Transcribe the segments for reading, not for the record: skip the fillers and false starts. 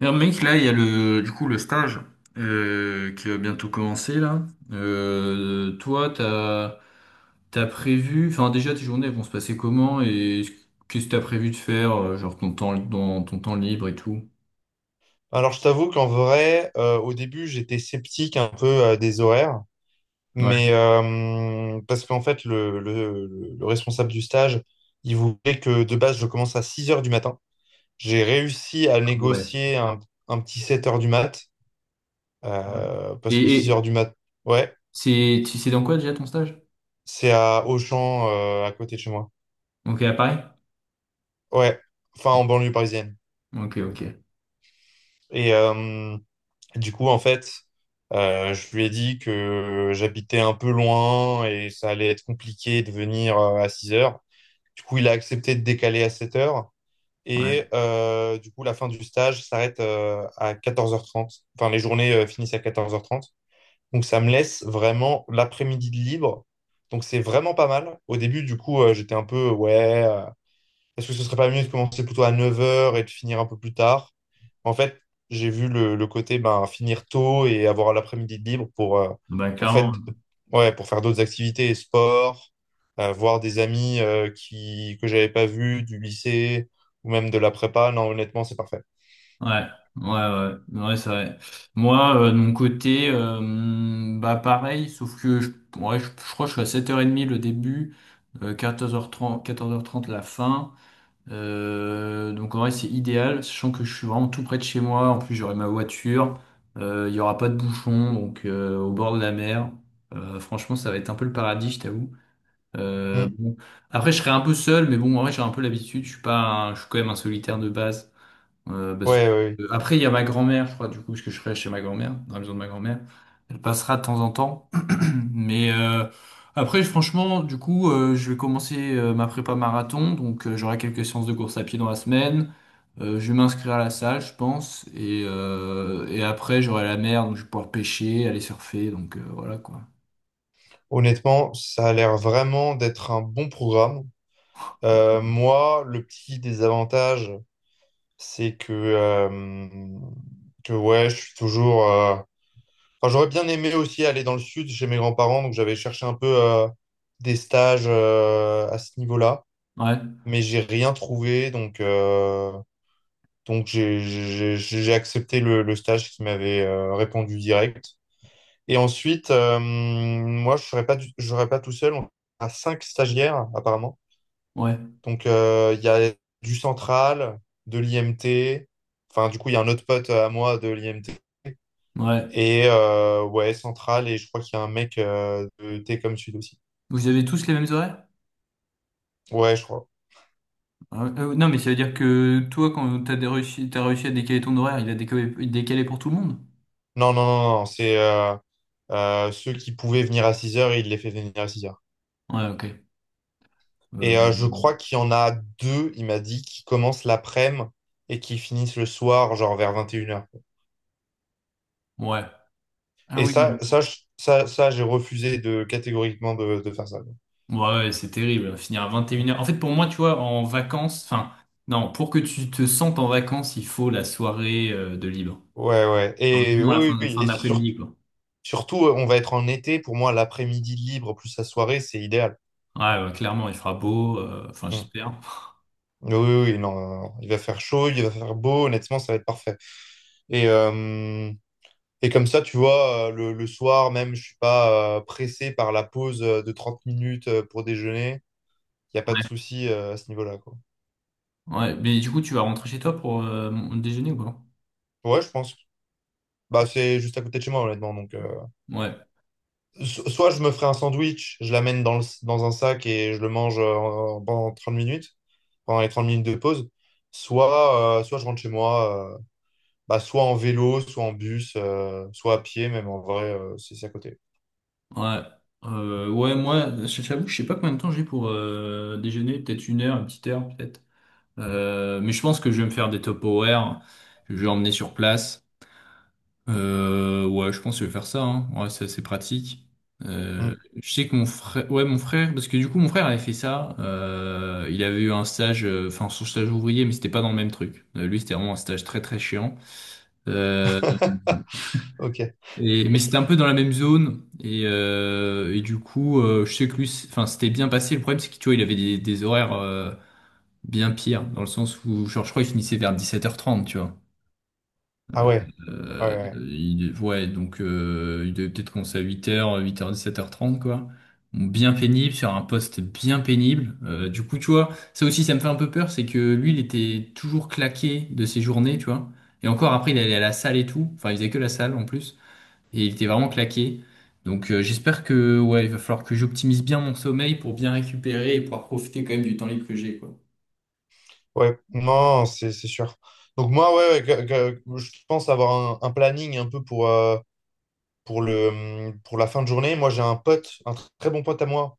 Alors, mec, là, il y a le, du coup, le stage qui va bientôt commencer, là. Toi, t'as prévu, enfin, déjà, tes journées elles vont se passer comment et qu'est-ce que t'as prévu de faire, genre ton temps, dans ton temps libre et tout? Alors, je t'avoue qu'en vrai, au début, j'étais sceptique un peu des horaires, mais Ouais. Parce qu'en fait, responsable du stage, il voulait que de base, je commence à 6 heures du matin. J'ai réussi à Ouais, négocier un petit 7 heures du mat, ouais. Et, parce que 6 heures et du mat, ouais, c'est, tu c'est dans quoi déjà ton stage? c'est à Auchan, à côté de chez moi. Ok, à Paris? Ouais, enfin, en banlieue parisienne. Ok, ok. Et, du coup, en fait, je lui ai dit que j'habitais un peu loin et ça allait être compliqué de venir à 6 heures. Du coup, il a accepté de décaler à 7 heures. Ouais. Et du coup, la fin du stage s'arrête à 14h30. Enfin, les journées finissent à 14h30. Donc, ça me laisse vraiment l'après-midi de libre. Donc, c'est vraiment pas mal. Au début, du coup, j'étais un peu, ouais, est-ce que ce serait pas mieux de commencer plutôt à 9 heures et de finir un peu plus tard? En fait, j'ai vu le côté ben, finir tôt et avoir l'après-midi de libre pour, Bah, faire, clairement. ouais, pour faire d'autres activités, sport, voir des amis que j'avais pas vus du lycée ou même de la prépa. Non, honnêtement, c'est parfait. Ouais, ouais, ouais, ouais, c'est vrai. Moi, de mon côté, bah pareil, sauf que ouais, je crois que je suis à 7h30 le début, 14h30, la fin. Donc en vrai, c'est idéal, sachant que je suis vraiment tout près de chez moi. En plus, j'aurai ma voiture, il y aura pas de bouchon, donc au bord de la mer. Franchement, ça va être un peu le paradis, je t'avoue. Hmm. Bon. Après, je serai un peu seul, mais bon, en vrai, j'ai un peu l'habitude. Je suis pas, je suis quand même un solitaire de base. Euh, parce que- Ouais, ouais, ouais. Après, il y a ma grand-mère, je crois, du coup, parce que je serai chez ma grand-mère, dans la maison de ma grand-mère. Elle passera de temps en temps. Mais après, franchement, du coup, je vais commencer ma prépa marathon. Donc, j'aurai quelques séances de course à pied dans la semaine. Je vais m'inscrire à la salle, je pense. Et après, j'aurai la mer, donc je vais pouvoir pêcher, aller surfer. Donc, voilà, quoi. Honnêtement, ça a l'air vraiment d'être un bon programme. Moi, le petit désavantage, c'est que ouais, je suis toujours. Enfin, j'aurais bien aimé aussi aller dans le sud chez mes grands-parents, donc j'avais cherché un peu des stages à ce niveau-là, Ouais, mais j'ai rien trouvé, donc j'ai accepté le stage qui m'avait répondu direct. Et ensuite, moi, je serais pas tout seul, on a cinq stagiaires apparemment. ouais, Donc il y a du central, de l'IMT, enfin du coup il y a un autre pote à moi de l'IMT. ouais. Et ouais, Central, et je crois qu'il y a un mec de Técom Sud aussi. Vous avez tous les mêmes horaires? Ouais, je crois. Ah, ouais. Non, mais ça veut dire que toi, quand t'as réussi à décaler ton horaire, il a décalé, décalé pour tout le monde? Non, non, non, non, c'est ceux qui pouvaient venir à 6 heures il les fait venir à 6 heures. Ouais, ok. Et je Euh, crois qu'il y en a deux, il m'a dit, qui commencent l'après-midi et qui finissent le soir, genre vers 21 heures. ouais. Ah Et oui, oui. Ça j'ai refusé de catégoriquement de faire ça. Ouais, ouais, c'est terrible. Finir à vingt et Ouais, une heures. En fait, pour moi, tu vois, en vacances, enfin, non, pour que tu te sentes en vacances, il faut la soirée de libre. ouais, ouais. Alors, du Et moins la oui, oui, oui. fin d'après-midi, quoi. Surtout, on va être en été. Pour moi, l'après-midi libre plus la soirée, c'est idéal. Ouais, ouais, clairement, il fera Mm. beau. Enfin, Mm. j'espère. Oui, oui, oui, non, non, non. Il va faire chaud, il va faire beau, honnêtement, ça va être parfait. Et, euh, et comme ça, tu vois, le soir même, je suis pas pressé par la pause de 30 minutes pour déjeuner. Il n'y a pas de Ouais. souci à ce niveau-là, quoi. Ouais, mais du coup, tu vas rentrer chez toi pour déjeuner ou quoi? Ouais, je pense. Bah, c'est juste à côté de chez moi, honnêtement. Donc, Ouais, soit je me ferai un sandwich, je l'amène dans dans un sac et je le mange pendant 30 minutes, pendant les 30 minutes de pause. Soit, soit je rentre chez moi, bah, soit en vélo, soit en bus, soit à pied, même en vrai, c'est à côté. ouais. Ouais, moi, j'avoue, que je sais pas combien de temps j'ai pour déjeuner. Peut-être une heure, une petite heure, peut-être. Mais je pense que je vais me faire des top horaires. Je vais emmener sur place. Ouais, je pense que je vais faire ça. Hein. Ouais, c'est assez pratique. Euh, Hmm. je sais que mon frère, ouais, mon frère, parce que du coup, mon frère avait fait ça. Il avait eu un stage, enfin, son stage ouvrier, mais c'était pas dans le même truc. Lui, c'était vraiment un stage très très chiant. Euh, Ok. et, mais c'était un peu dans la même zone. Et du coup, je sais que lui, enfin, c'était bien passé. Le problème, c'est que tu vois, il avait des horaires bien pires, dans le sens où, genre, je crois, il finissait vers dix-sept heures trente, tu vois. Ah ouais, ouais, Euh, ouais. Ouais, donc il devait peut-être commencer à huit heures dix, sept heures trente quoi. Bon, bien pénible, sur un poste bien pénible. Du coup, tu vois, ça aussi, ça me fait un peu peur, c'est que lui, il était toujours claqué de ses journées, tu vois. Et encore, après, il allait à la salle et tout. Enfin, il faisait que la salle, en plus. Et il était vraiment claqué. Donc, j'espère que, ouais, il va falloir que j'optimise bien mon sommeil pour bien récupérer et pouvoir profiter quand même du temps libre que j'ai, quoi. Ouais. Non, c'est sûr. Donc moi, ouais, ouais, je pense avoir un planning un peu pour, pour la fin de journée. Moi, j'ai un pote, très bon pote à moi,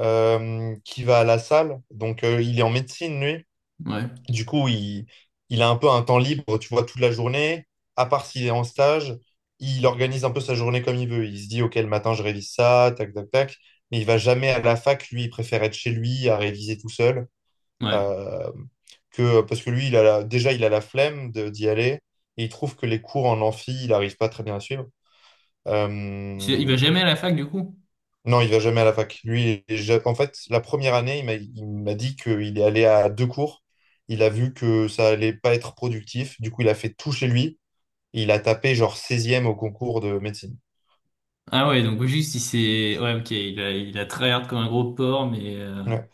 qui va à la salle. Donc, il est en médecine, lui. Ouais, Du coup, il a un peu un temps libre, tu vois, toute la journée, à part s'il est en stage, il organise un peu sa journée comme il veut. Il se dit, OK, le matin, je révise ça, tac, tac, tac. Mais il va jamais à la fac, lui, il préfère être chez lui à réviser tout seul. ouais. euh, parce que lui, déjà, il a la flemme d'y aller. Et il trouve que les cours en amphi, il n'arrive pas très bien à suivre. C'est- il Euh, va jamais à la fac, du coup? non, il va jamais à la fac. Lui, en fait, la première année, il m'a dit qu'il est allé à deux cours. Il a vu que ça allait pas être productif. Du coup, il a fait tout chez lui. Il a tapé genre 16e au concours de médecine. Ah ouais, donc juste il s'est... Ouais, ok, il a tryhard comme un gros porc, mais... Ouais,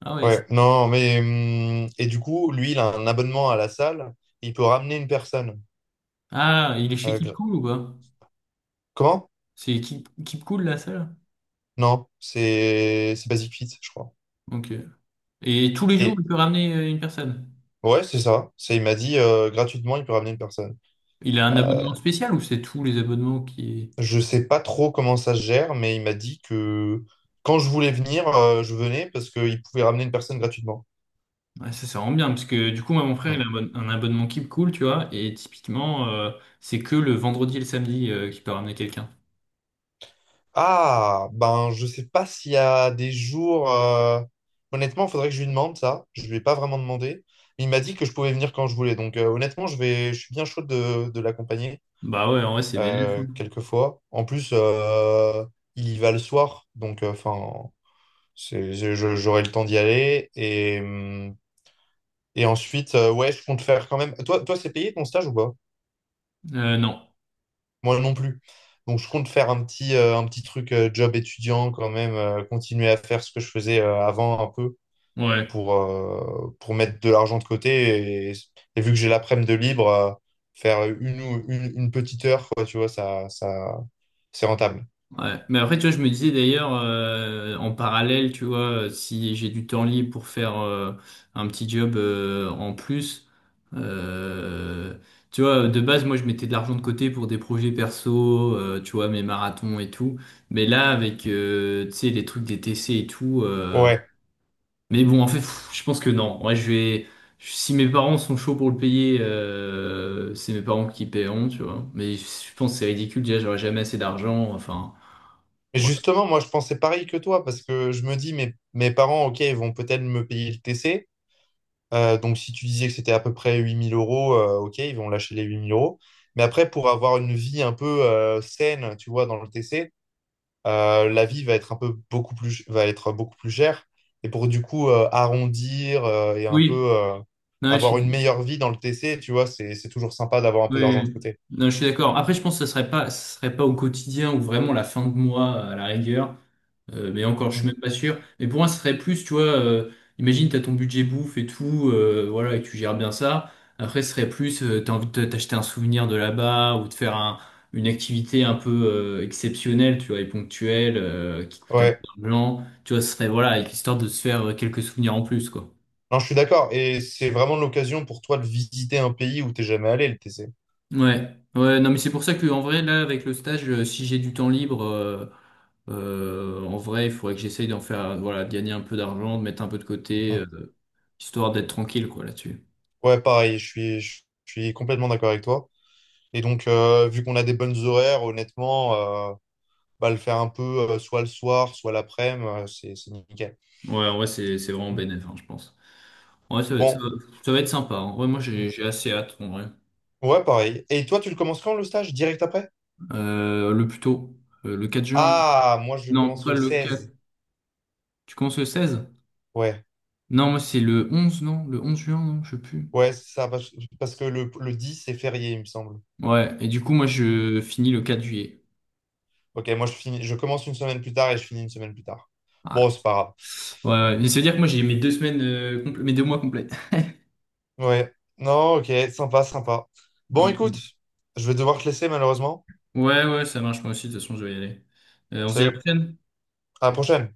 Ah ouais. C'est- ouais. Non, mais et du coup, lui, il a un abonnement à la salle. Il peut ramener une personne. ah, il est chez Euh, Keep gra- Cool ou quoi? comment? C'est Keep, Keep Cool la salle? Non, c'est Basic Fit, je crois. Ok. Et tous les jours, il Et peut ramener une personne. ouais, c'est ça. C'est, il m'a dit gratuitement, il peut ramener une personne. Il a un Euh, abonnement spécial ou c'est tous les abonnements qui... Je sais pas trop comment ça se gère, mais il m'a dit que quand je voulais venir, je venais parce qu'il pouvait ramener une personne gratuitement. Ouais, ça rend bien, parce que du coup, moi, mon frère, il a Hmm. Un abonnement Keep Cool, tu vois, et typiquement, c'est que le vendredi et le samedi qu'il peut ramener quelqu'un. Ah, ben je sais pas s'il y a des jours. Honnêtement, il faudrait que je lui demande ça. Je lui ai pas vraiment demandé. Il m'a dit que je pouvais venir quand je voulais. Donc honnêtement, je vais... je suis bien chaud de l'accompagner Bah ouais, en vrai, c'est bénéfique. quelquefois. En plus, il y va le soir, donc enfin, c'est... j'aurai le temps d'y aller et. Hmm. Et ensuite, ouais, je compte faire quand même. Toi, toi, c'est payé ton stage ou pas? Non. Moi non plus. Donc, je compte faire un petit truc job étudiant quand même, continuer à faire ce que je faisais avant un peu Ouais. Pour mettre de l'argent de côté. Et vu que j'ai l'après-midi de libre, faire une petite heure, quoi, tu vois, ça, c'est rentable. Ouais. Mais après, tu vois, je me disais d'ailleurs, en parallèle, tu vois, si j'ai du temps libre pour faire un petit job en plus, euh, tu vois, de base, moi, je mettais de l'argent de côté pour des projets perso, tu vois, mes marathons et tout. Mais là, avec, tu sais, les trucs des TC et tout, Ouais. mais bon, en fait, pff, je pense que non. Ouais, je vais, si mes parents sont chauds pour le payer, c'est mes parents qui paieront, tu vois. Mais je pense que c'est ridicule, déjà, j'aurais jamais assez d'argent, enfin. Et Ouais. justement, moi, je pensais pareil que toi parce que je me dis, mes, mes parents, ok, ils vont peut-être me payer le TC. Donc, si tu disais que c'était à peu près 8000 euros, ok, ils vont lâcher les 8000 euros. Mais après, pour avoir une vie un peu saine, tu vois, dans le TC, la vie va être un peu beaucoup plus, va être beaucoup plus chère. Et pour du coup arrondir et un peu Oui, non, je avoir une suis, meilleure vie dans le TC, tu vois, c'est toujours sympa d'avoir un peu oui, d'argent de oui. côté. Non, je suis d'accord. Après, je pense que ce serait pas au quotidien ou vraiment la fin de mois à la rigueur. Mais encore, je suis Mm. même pas sûr. Mais pour moi, ce serait plus, tu vois, imagine, t'as ton budget bouffe et tout, voilà, et tu gères bien ça. Après, ce serait plus, t'as envie de t'acheter un souvenir de là-bas ou de une activité un peu exceptionnelle, tu vois, et ponctuelle, qui coûte un peu Ouais, d'argent. Tu vois, ce serait, voilà, avec l'histoire de se faire quelques souvenirs en plus, quoi. non, je suis d'accord. Et c'est vraiment l'occasion pour toi de visiter un pays où t'es jamais allé, le TC. Ouais, ouais, non, mais c'est pour ça que en vrai, là, avec le stage, si j'ai du temps libre, en vrai, il faudrait que j'essaye d'en faire, voilà, de gagner un peu d'argent, de mettre un peu de côté, Mm. Histoire d'être tranquille, quoi, là-dessus. Ouais, pareil, je suis complètement d'accord avec toi. Et donc, vu qu'on a des bonnes horaires, honnêtement, euh, bah, le faire un peu soit le soir, soit l'après-midi, c'est nickel. Ouais, en vrai, c'est vraiment Mm. bénéf, hein, je pense. Ouais, Bon. Ça va être sympa. Hein. Ouais, moi, Mm. j'ai assez hâte, en vrai. Ouais, pareil. Et toi, tu le commences quand le stage? Direct après? Le plus tôt, le 4 juin. Là. Ah, moi, je le Non, commence pas le le 4. 16. Tu commences le 16? Ouais, Non, moi, c'est le 11, non? Le 11 juin, non? Je sais plus. ouais, c'est ça, parce que le 10, c'est férié, il me semble. Ouais, et du coup, moi, je finis le 4 juillet. Ok, moi, je finis, je commence une semaine plus tard et je finis une semaine plus tard. Bon, Ah, c'est pas grave. ouais, ouais. Et c'est-à-dire que moi, j'ai mes deux semaines, mes deux mois complets. Ouais, non, ok, sympa, sympa. Bon, écoute, je vais devoir te laisser, malheureusement. Ouais, ouais, ouais, ça marche, moi aussi. De toute façon, je vais y aller. On se dit à la Salut, prochaine. à la prochaine.